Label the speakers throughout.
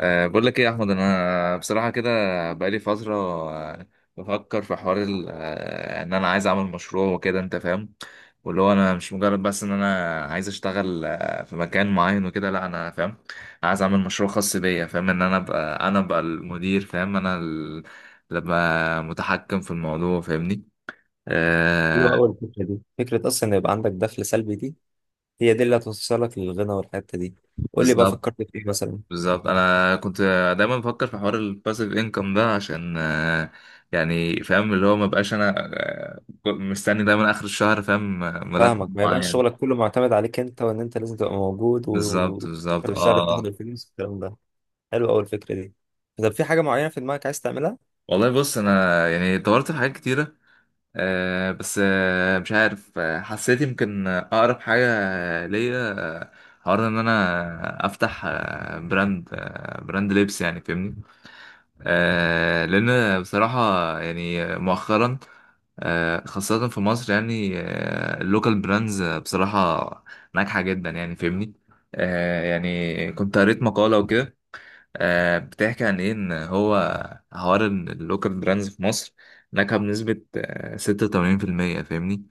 Speaker 1: أه، بقول لك ايه يا احمد، انا بصراحه كده بقالي فتره. آه، بفكر في حوار ان انا عايز اعمل مشروع وكده، انت فاهم؟ واللي هو انا مش مجرد بس ان انا عايز اشتغل في مكان معين وكده، لا انا فاهم. عايز اعمل مشروع خاص بيا، فاهم؟ ان انا ابقى المدير، فاهم؟ اللي ابقى متحكم في الموضوع، فاهمني؟
Speaker 2: حلوة
Speaker 1: أه.
Speaker 2: أوي الفكرة دي، فكرة أصلا إن يبقى عندك دخل سلبي. دي هي دي اللي هتوصلك للغنى والحتة دي. قول لي بقى
Speaker 1: بالظبط
Speaker 2: فكرت في إيه مثلا؟
Speaker 1: بالظبط، انا كنت دايما بفكر في حوار الباسيف انكم ده، عشان يعني فاهم اللي هو ما بقاش انا مستني دايما اخر الشهر، فاهم؟ مرتب
Speaker 2: فاهمك. ما يبقاش شغلك
Speaker 1: معين.
Speaker 2: كله معتمد عليك أنت، وإن أنت لازم تبقى موجود و
Speaker 1: بالظبط بالظبط،
Speaker 2: آخر الشهر تاخد
Speaker 1: اه.
Speaker 2: الفلوس والكلام ده. حلو أوي الفكرة دي. طب في حاجة معينة في دماغك عايز تعملها؟
Speaker 1: والله بص، انا يعني دورت في حاجات كتيره بس مش عارف، حسيت يمكن اقرب حاجه ليا آه، حوار ان انا افتح براند لبس، يعني فاهمني؟ لان بصراحه يعني مؤخرا، خاصة في مصر، يعني اللوكال براندز بصراحة ناجحة جدا، يعني فاهمني؟ يعني كنت قريت مقالة وكده بتحكي عن ايه، ان هو حوار ان اللوكال براندز في مصر ناجحة بنسبة ستة وتمانين في المية، فاهمني؟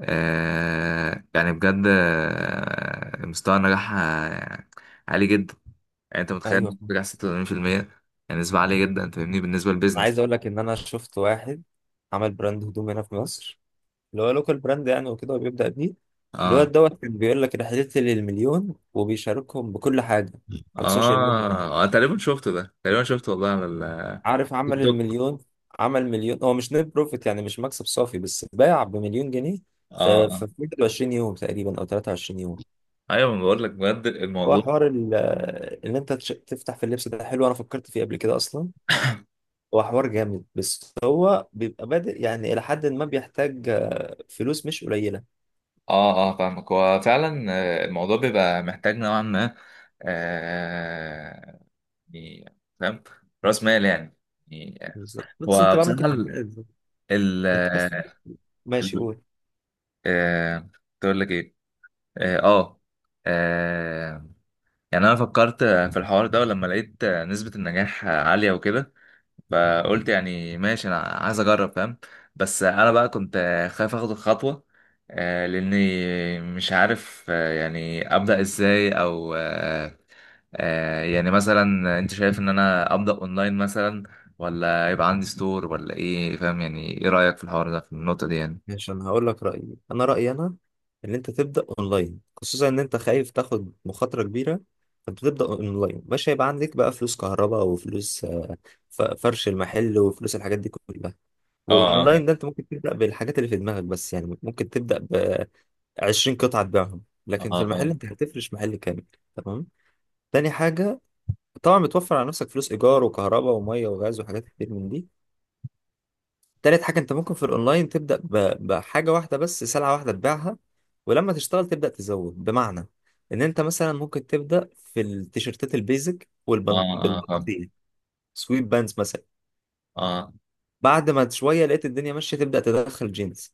Speaker 1: يعني بجد مستوى النجاح عالي جدا. يعني انت
Speaker 2: أيوه،
Speaker 1: متخيل
Speaker 2: أنا
Speaker 1: نجاح 86%؟ يعني نسبة عالية جدا، فاهمني؟ بالنسبة للبيزنس.
Speaker 2: عايز أقول لك إن أنا شفت واحد عمل براند هدوم هنا في مصر، اللي هو لوكال براند يعني وكده، وبيبدأ بيه
Speaker 1: اه
Speaker 2: الواد دوت كان بيقول لك رحلتي للمليون، وبيشاركهم بكل حاجة على السوشيال ميديا يعني.
Speaker 1: اه، انا تقريبا شفته، ده تقريبا شفته والله، على
Speaker 2: عارف عمل
Speaker 1: التيك توك.
Speaker 2: المليون؟ عمل مليون، هو مش نت بروفيت يعني، مش مكسب صافي، بس باع بمليون جنيه
Speaker 1: اه
Speaker 2: في
Speaker 1: آه.
Speaker 2: في 21 يوم تقريبا او 23 يوم.
Speaker 1: ايوه، ما بقول لك بجد
Speaker 2: هو
Speaker 1: الموضوع.
Speaker 2: حوار ان انت تفتح في اللبس ده حلو، انا فكرت فيه قبل كده اصلا. هو حوار جامد، بس هو بيبقى بادئ يعني الى حد ما، بيحتاج فلوس مش قليله.
Speaker 1: اه اه، فاهمك، هو فعلا الموضوع بيبقى محتاج نوعا ما آه يعني فاهم، راس مال يعني
Speaker 2: بالظبط. بس انت
Speaker 1: هو
Speaker 2: بقى
Speaker 1: بصراحه
Speaker 2: ممكن تتجوز.
Speaker 1: ال
Speaker 2: انت حاسس؟ ماشي،
Speaker 1: ال-
Speaker 2: قول.
Speaker 1: آه تقول لك ايه، اه آه. آه، يعني انا فكرت في الحوار ده، ولما لقيت نسبة النجاح عالية وكده فقلت يعني ماشي، انا عايز اجرب، فاهم؟ بس انا بقى كنت خايف اخد الخطوه، لاني مش عارف يعني ابدا ازاي، او يعني مثلا انت شايف ان انا ابدا اونلاين مثلا، ولا يبقى عندي ستور ولا ايه، فاهم؟ يعني ايه رايك في الحوار ده، في النقطه دي؟ يعني
Speaker 2: ماشي، انا هقول لك رايي. انا رايي انا ان انت تبدا اونلاين، خصوصا ان انت خايف تاخد مخاطره كبيره. فانت تبدا اونلاين، مش هيبقى عندك بقى فلوس كهرباء وفلوس فرش المحل وفلوس الحاجات دي كلها.
Speaker 1: اه اه
Speaker 2: واونلاين
Speaker 1: فاهم،
Speaker 2: ده انت ممكن تبدا بالحاجات اللي في دماغك بس يعني، ممكن تبدا ب 20 قطعه تبيعهم، لكن في
Speaker 1: اه
Speaker 2: المحل
Speaker 1: فاهم،
Speaker 2: انت هتفرش محل كامل. تمام. تاني حاجه، طبعا بتوفر على نفسك فلوس ايجار وكهرباء وميه وغاز وحاجات كتير من دي. تالت حاجة، انت ممكن في الاونلاين تبدأ بحاجة واحدة بس، سلعة واحدة تبيعها، ولما تشتغل تبدأ تزود، بمعنى ان انت مثلا ممكن تبدأ في التيشيرتات البيزك
Speaker 1: اه اه فاهم،
Speaker 2: والبناطيل، سويت بانز مثلا.
Speaker 1: اه
Speaker 2: بعد ما شوية لقيت الدنيا ماشية، تبدأ تدخل جينز.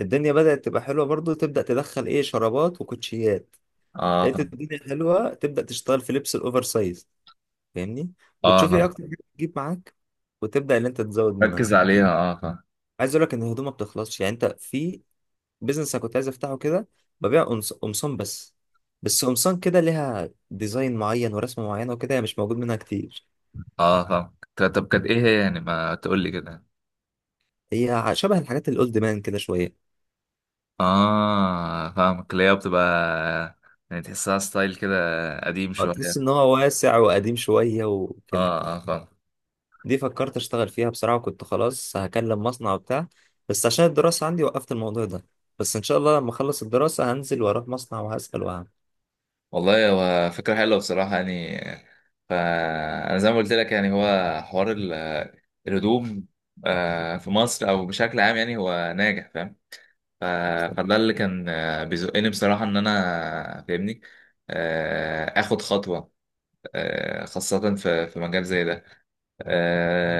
Speaker 2: الدنيا بدأت تبقى حلوة برضو، تبدأ تدخل ايه، شرابات وكوتشيات.
Speaker 1: اه
Speaker 2: لقيت
Speaker 1: فاهم،
Speaker 2: الدنيا حلوة، تبدأ تشتغل في لبس الاوفر سايز، فاهمني.
Speaker 1: اه
Speaker 2: وتشوف ايه
Speaker 1: فاهم،
Speaker 2: اكتر حاجة بتجيب معاك، وتبدأ ان انت تزود منها.
Speaker 1: ركز عليها. اه فاهم،
Speaker 2: عايز اقول لك ان الهدوم ما بتخلصش يعني. انت في بيزنس انا كنت عايز افتحه كده، ببيع قمصان بس. بس قمصان كده ليها ديزاين معين ورسمه معينه وكده، هي مش موجود منها كتير.
Speaker 1: اه فاهم. طب طب، كانت ايه هي يعني؟ ما تقول لي كده.
Speaker 2: هي شبه الحاجات الاولد مان كده شويه.
Speaker 1: اه فاهمك، اللي هي بتبقى يعني، تحسها ستايل كده قديم شوية.
Speaker 2: تحس ان هو واسع وقديم شويه
Speaker 1: اه
Speaker 2: وكده.
Speaker 1: اه فاهم.
Speaker 2: دي فكرت اشتغل فيها بصراحه، وكنت خلاص هكلم مصنع وبتاع، بس عشان الدراسه عندي وقفت الموضوع ده. بس ان شاء الله لما اخلص الدراسه هنزل واروح مصنع وهسال وهعمل.
Speaker 1: والله هو فكرة حلوة بصراحة، يعني فأنا زي ما قلت لك يعني هو حوار الهدوم في مصر أو بشكل عام، يعني هو ناجح، فاهم؟ ف- فده اللي كان بيزقني بصراحة، إن أنا فاهمني، آخد خطوة خاصة في مجال زي ده،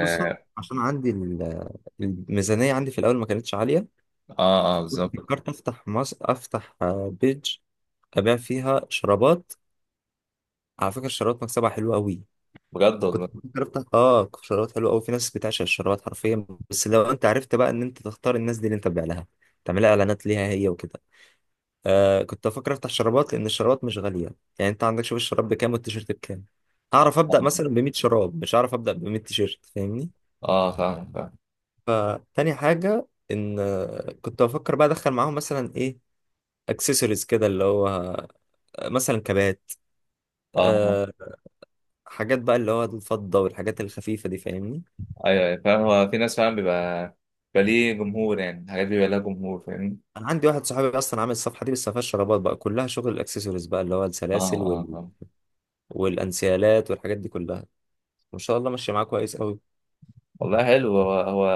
Speaker 2: خصوصا عشان عندي الميزانيه عندي في الاول ما كانتش عاليه.
Speaker 1: اه بالظبط.
Speaker 2: فكرت افتح بيج ابيع فيها شرابات. على فكره، الشرابات مكسبها حلو قوي.
Speaker 1: بجد
Speaker 2: كنت
Speaker 1: والله.
Speaker 2: بفكر افتح شرابات، حلوه قوي، في ناس بتعشق الشرابات حرفيا. بس لو انت عرفت بقى ان انت تختار الناس دي اللي انت تبيع لها، تعملها اعلانات ليها هي وكده. كنت بفكر افتح شرابات لان الشرابات مش غاليه. يعني انت عندك، شوف الشراب بكام والتيشيرت بكام. هعرف ابدا مثلا ب 100 شراب، مش هعرف ابدا ب 100 تيشيرت، فاهمني.
Speaker 1: اه فاهم فاهم
Speaker 2: فتاني حاجه ان كنت بفكر بقى ادخل معاهم مثلا ايه، اكسسوارز كده، اللي هو مثلا كبات.
Speaker 1: اه.
Speaker 2: أه حاجات بقى اللي هو الفضة والحاجات الخفيفة دي، فاهمني.
Speaker 1: ايوه أيوة، فاهم. هو في ناس فعلا بيبقى ليه جمهور، يعني الحاجات دي بيبقى لها جمهور، فاهمني؟
Speaker 2: أنا عندي واحد صاحبي أصلا عامل الصفحة دي، بس ما فيهاش شرابات بقى، كلها شغل الأكسسوارز بقى، اللي هو
Speaker 1: اه
Speaker 2: السلاسل
Speaker 1: اه آه.
Speaker 2: والأنسيالات والحاجات دي كلها. ما شاء الله ماشية معاك كويس أوي.
Speaker 1: والله حلو. هو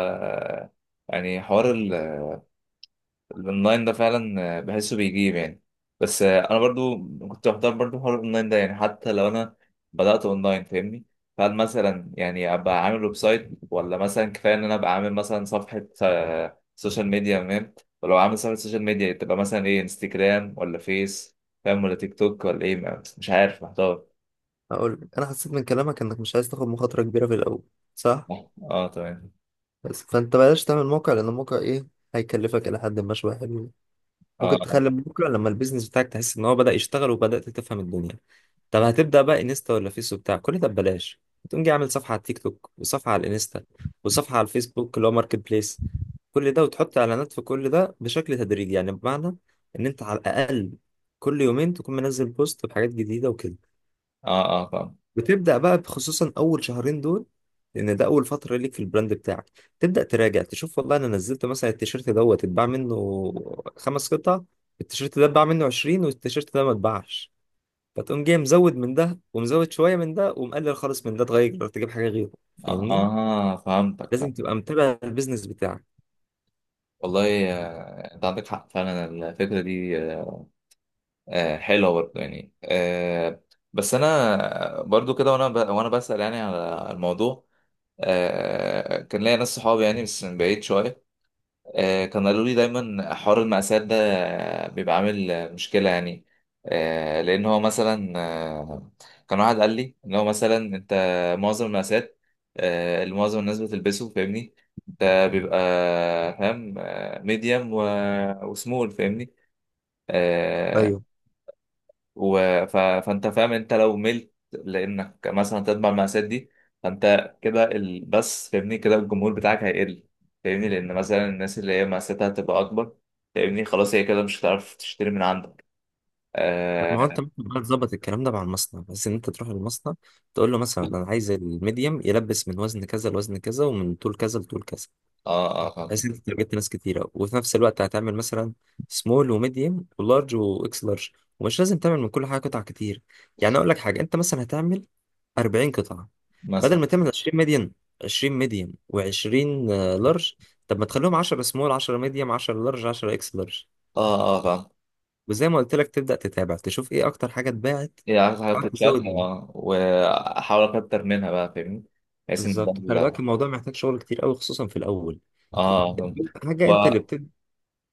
Speaker 1: يعني حوار الاونلاين ده فعلا بحسه بيجيب يعني. بس انا برضو كنت بحضر برضو حوار الاونلاين ده، يعني حتى لو انا بدأت اونلاين، فاهمني؟ فهل مثلا يعني ابقى عامل ويب سايت، ولا مثلا كفايه ان انا ابقى عامل مثلا صفحه سوشيال ميديا، فاهم؟ ولو عامل صفحه سوشيال ميديا تبقى مثلا ايه، انستجرام ولا فيس، فاهم؟ ولا تيك توك، ولا ايه؟ مش عارف، محتار.
Speaker 2: أقول، أنا حسيت من كلامك إنك مش عايز تاخد مخاطرة كبيرة في الأول، صح؟
Speaker 1: اه تمام.
Speaker 2: بس فأنت بلاش تعمل موقع، لأن الموقع إيه، هيكلفك إلى حد ما شوية حلوين. ممكن
Speaker 1: اه
Speaker 2: تخلي بكره لما البيزنس بتاعك تحس ان هو بدأ يشتغل وبدأت تفهم الدنيا. طب
Speaker 1: اه
Speaker 2: هتبدأ بقى انستا ولا فيس وبتاع، كل ده ببلاش. تقوم جاي عامل صفحة على التيك توك، وصفحة على الانستا، وصفحة على الفيسبوك اللي هو ماركت بليس. كل ده وتحط اعلانات في كل ده بشكل تدريجي يعني، بمعنى ان انت على الاقل كل يومين تكون منزل بوست بحاجات جديدة وكده.
Speaker 1: اه آه، فاهم.
Speaker 2: بتبدأ بقى خصوصا أول شهرين دول، لأن ده أول فترة ليك في البراند بتاعك. تبدأ تراجع تشوف. والله أنا نزلت مثلا التيشيرت دوت اتباع منه 5 قطع، التيشيرت ده اتباع منه 20، والتيشيرت ده ما اتباعش. فتقوم جاي مزود من ده، ومزود شوية من ده، ومقلل خالص من ده، تغير تجيب حاجة غيره.
Speaker 1: اه
Speaker 2: فاهمني؟
Speaker 1: آه، فهمتك، فاهم.
Speaker 2: لازم تبقى متابع البيزنس بتاعك.
Speaker 1: والله انت عندك حق فعلا. الفكره دي حلوة برضه، يعني بس أنا برضه كده، وأنا بسأل يعني على الموضوع. كان ليا ناس صحابي يعني، بس من بعيد شوية، كانوا قالوا لي دايما حوار المقاسات ده بيبقى عامل مشكلة، يعني لأن هو مثلا، آه، كان واحد قال لي إن هو مثلا أنت معظم المقاسات اللي معظم الناس بتلبسه، فاهمني؟ أنت بيبقى فاهم ميديوم وسمول، فاهمني؟ آه،
Speaker 2: ايوه.
Speaker 1: و... فانت فاهم، انت لو ملت لانك مثلا تتبع المقاسات دي، فانت كده بس فاهمني كده، الجمهور بتاعك هيقل، فاهمني؟ لان مثلا الناس اللي هي مقاساتها هتبقى اكبر، فاهمني؟ خلاص هي كده مش هتعرف تشتري من عندك.
Speaker 2: لا، ما هو
Speaker 1: اه
Speaker 2: انت ممكن بقى تظبط الكلام ده مع المصنع، بس ان انت تروح للمصنع تقول له مثلا انا عايز الميديم يلبس من وزن كذا لوزن كذا، ومن طول كذا لطول كذا.
Speaker 1: اه، آه
Speaker 2: بحيث
Speaker 1: فاهم.
Speaker 2: انت تارجت ناس كتيره، وفي نفس الوقت هتعمل مثلا سمول وميديوم ولارج واكس لارج. ومش لازم تعمل من كل حاجه قطع كتير. يعني اقول لك حاجه، انت مثلا هتعمل 40 قطعه، بدل
Speaker 1: مثلا
Speaker 2: ما تعمل 20 ميديوم، 20 ميديوم و20 لارج. طب ما تخليهم 10 سمول، 10 ميديوم، 10 لارج، 10 اكس لارج.
Speaker 1: اه اه آه، فاهم.
Speaker 2: وزي ما قلت لك تبدا تتابع تشوف ايه اكتر حاجه اتباعت،
Speaker 1: هي عايزة حاجة
Speaker 2: تحاول
Speaker 1: تتشاف.
Speaker 2: تزود منها.
Speaker 1: اه، واحاول اكتر منها بقى، فاهمني؟ بحيث ان ده
Speaker 2: بالظبط. خلي بالك، الموضوع محتاج شغل كتير قوي خصوصا في الاول. خ-
Speaker 1: اه فاهم. و...
Speaker 2: حاجه انت اللي بتبدا،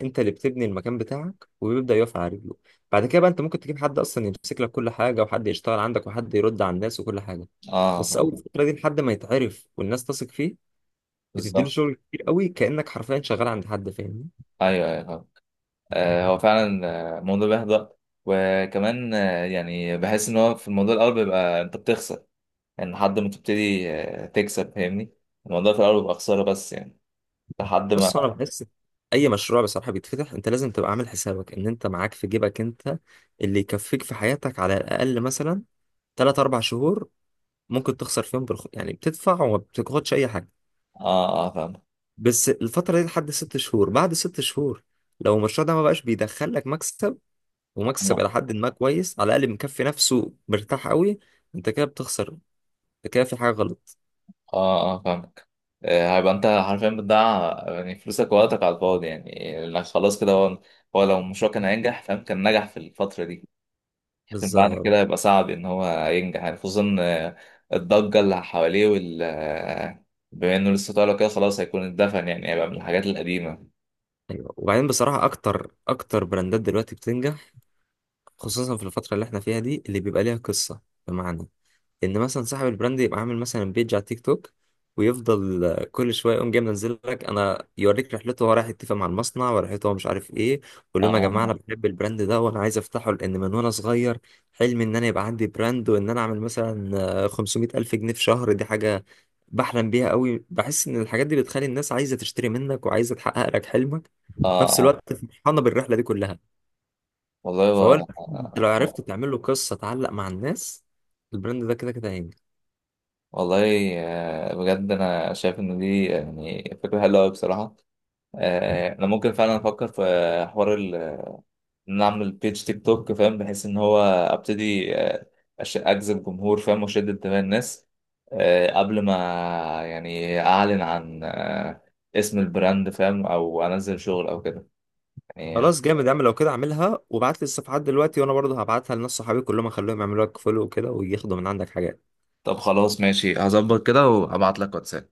Speaker 2: انت اللي بتبني المكان بتاعك وبيبدأ يقف على رجله. بعد كده بقى، انت ممكن تجيب حد اصلا يمسك لك كل حاجه، وحد يشتغل عندك، وحد يرد على الناس وكل حاجه.
Speaker 1: اه
Speaker 2: بس
Speaker 1: فاهم.
Speaker 2: اول فتره دي لحد ما يتعرف والناس تثق فيه. بتديله
Speaker 1: بالظبط.
Speaker 2: شغل كتير قوي، كأنك حرفيا شغال عند حد، فاهمني.
Speaker 1: ايوه ايوه هو فعلا موضوع بيحبط. وكمان يعني بحس ان هو في الموضوع الاول بيبقى انت بتخسر، يعني لحد ما تبتدي تكسب، فاهمني؟ الموضوع في الاول بيبقى خساره، بس يعني لحد ما...
Speaker 2: بس انا بحس اي مشروع بصراحه بيتفتح، انت لازم تبقى عامل حسابك ان انت معاك في جيبك انت اللي يكفيك في حياتك على الاقل مثلا 3 4 شهور. ممكن تخسر فيهم يعني بتدفع وما بتاخدش اي حاجه.
Speaker 1: اه اه فاهمك.
Speaker 2: بس الفترة دي لحد 6 شهور. بعد 6 شهور لو المشروع ده ما بقاش بيدخل لك مكسب، ومكسب
Speaker 1: اه
Speaker 2: إلى حد ما كويس، على الأقل مكفي نفسه مرتاح قوي، أنت كده بتخسر. أنت كده في حاجة غلط.
Speaker 1: اه فاهمك، هيبقى انت حرفيا بتضيع يعني فلوسك ووقتك على الفاضي، يعني لأن خلاص كده هو لو المشروع كان هينجح، فاهم؟ كان نجح في الفتره دي. بعد
Speaker 2: بالظبط.
Speaker 1: كده هيبقى صعب ان هو ينجح، يعني خصوصا الضجه اللي حواليه وال آه، بما انه لسه طالع كده، خلاص هيكون اتدفن، يعني هيبقى من الحاجات القديمه.
Speaker 2: أيوة. وبعدين بصراحة، أكتر أكتر براندات دلوقتي بتنجح، خصوصا في الفترة اللي إحنا فيها دي، اللي بيبقى ليها قصة. بمعنى ان مثلا صاحب البراند يبقى عامل مثلا بيج على تيك توك، ويفضل كل شويه يقوم جاي منزل لك انا يوريك رحلته، هو رايح يتفق مع المصنع ورحلته هو مش عارف ايه، ويقول لهم يا جماعه انا
Speaker 1: اه
Speaker 2: بحب البراند ده وانا عايز افتحه، لان من وانا صغير حلمي ان انا يبقى عندي براند، وان انا اعمل مثلا 500 الف جنيه في شهر. دي حاجه بحلم بيها قوي، بحس ان الحاجات دي بتخلي الناس عايزه تشتري منك، وعايزه تحقق لك حلمك.
Speaker 1: اه
Speaker 2: في نفس
Speaker 1: اه
Speaker 2: الوقت فرحانه بالرحله دي كلها.
Speaker 1: والله.
Speaker 2: فهو
Speaker 1: و...
Speaker 2: البراند لو عرفت
Speaker 1: آه،
Speaker 2: تعمل له قصه تعلق مع الناس، البراند ده كده كده هينجح.
Speaker 1: والله بجد، انا شايف ان دي يعني فكره حلوه قوي بصراحه. انا ممكن فعلا افكر في حوار ان أنا اعمل بيج تيك توك، فاهم؟ بحيث ان هو ابتدي اجذب جمهور، فاهم؟ واشد انتباه الناس قبل ما يعني اعلن عن اسم البراند، فاهم؟ او انزل شغل او كده، يعني.
Speaker 2: خلاص جامد يا عم. لو كده اعملها، وابعت لي الصفحات دلوقتي، وانا برضه هبعتها لناس صحابي كلهم، اخليهم يعملوا لك فولو وكده، وياخدوا من عندك حاجات.
Speaker 1: طب خلاص ماشي، هظبط كده وابعت لك واتساب.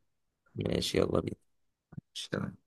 Speaker 2: ماشي، يلا بينا.
Speaker 1: ماشي، تمام.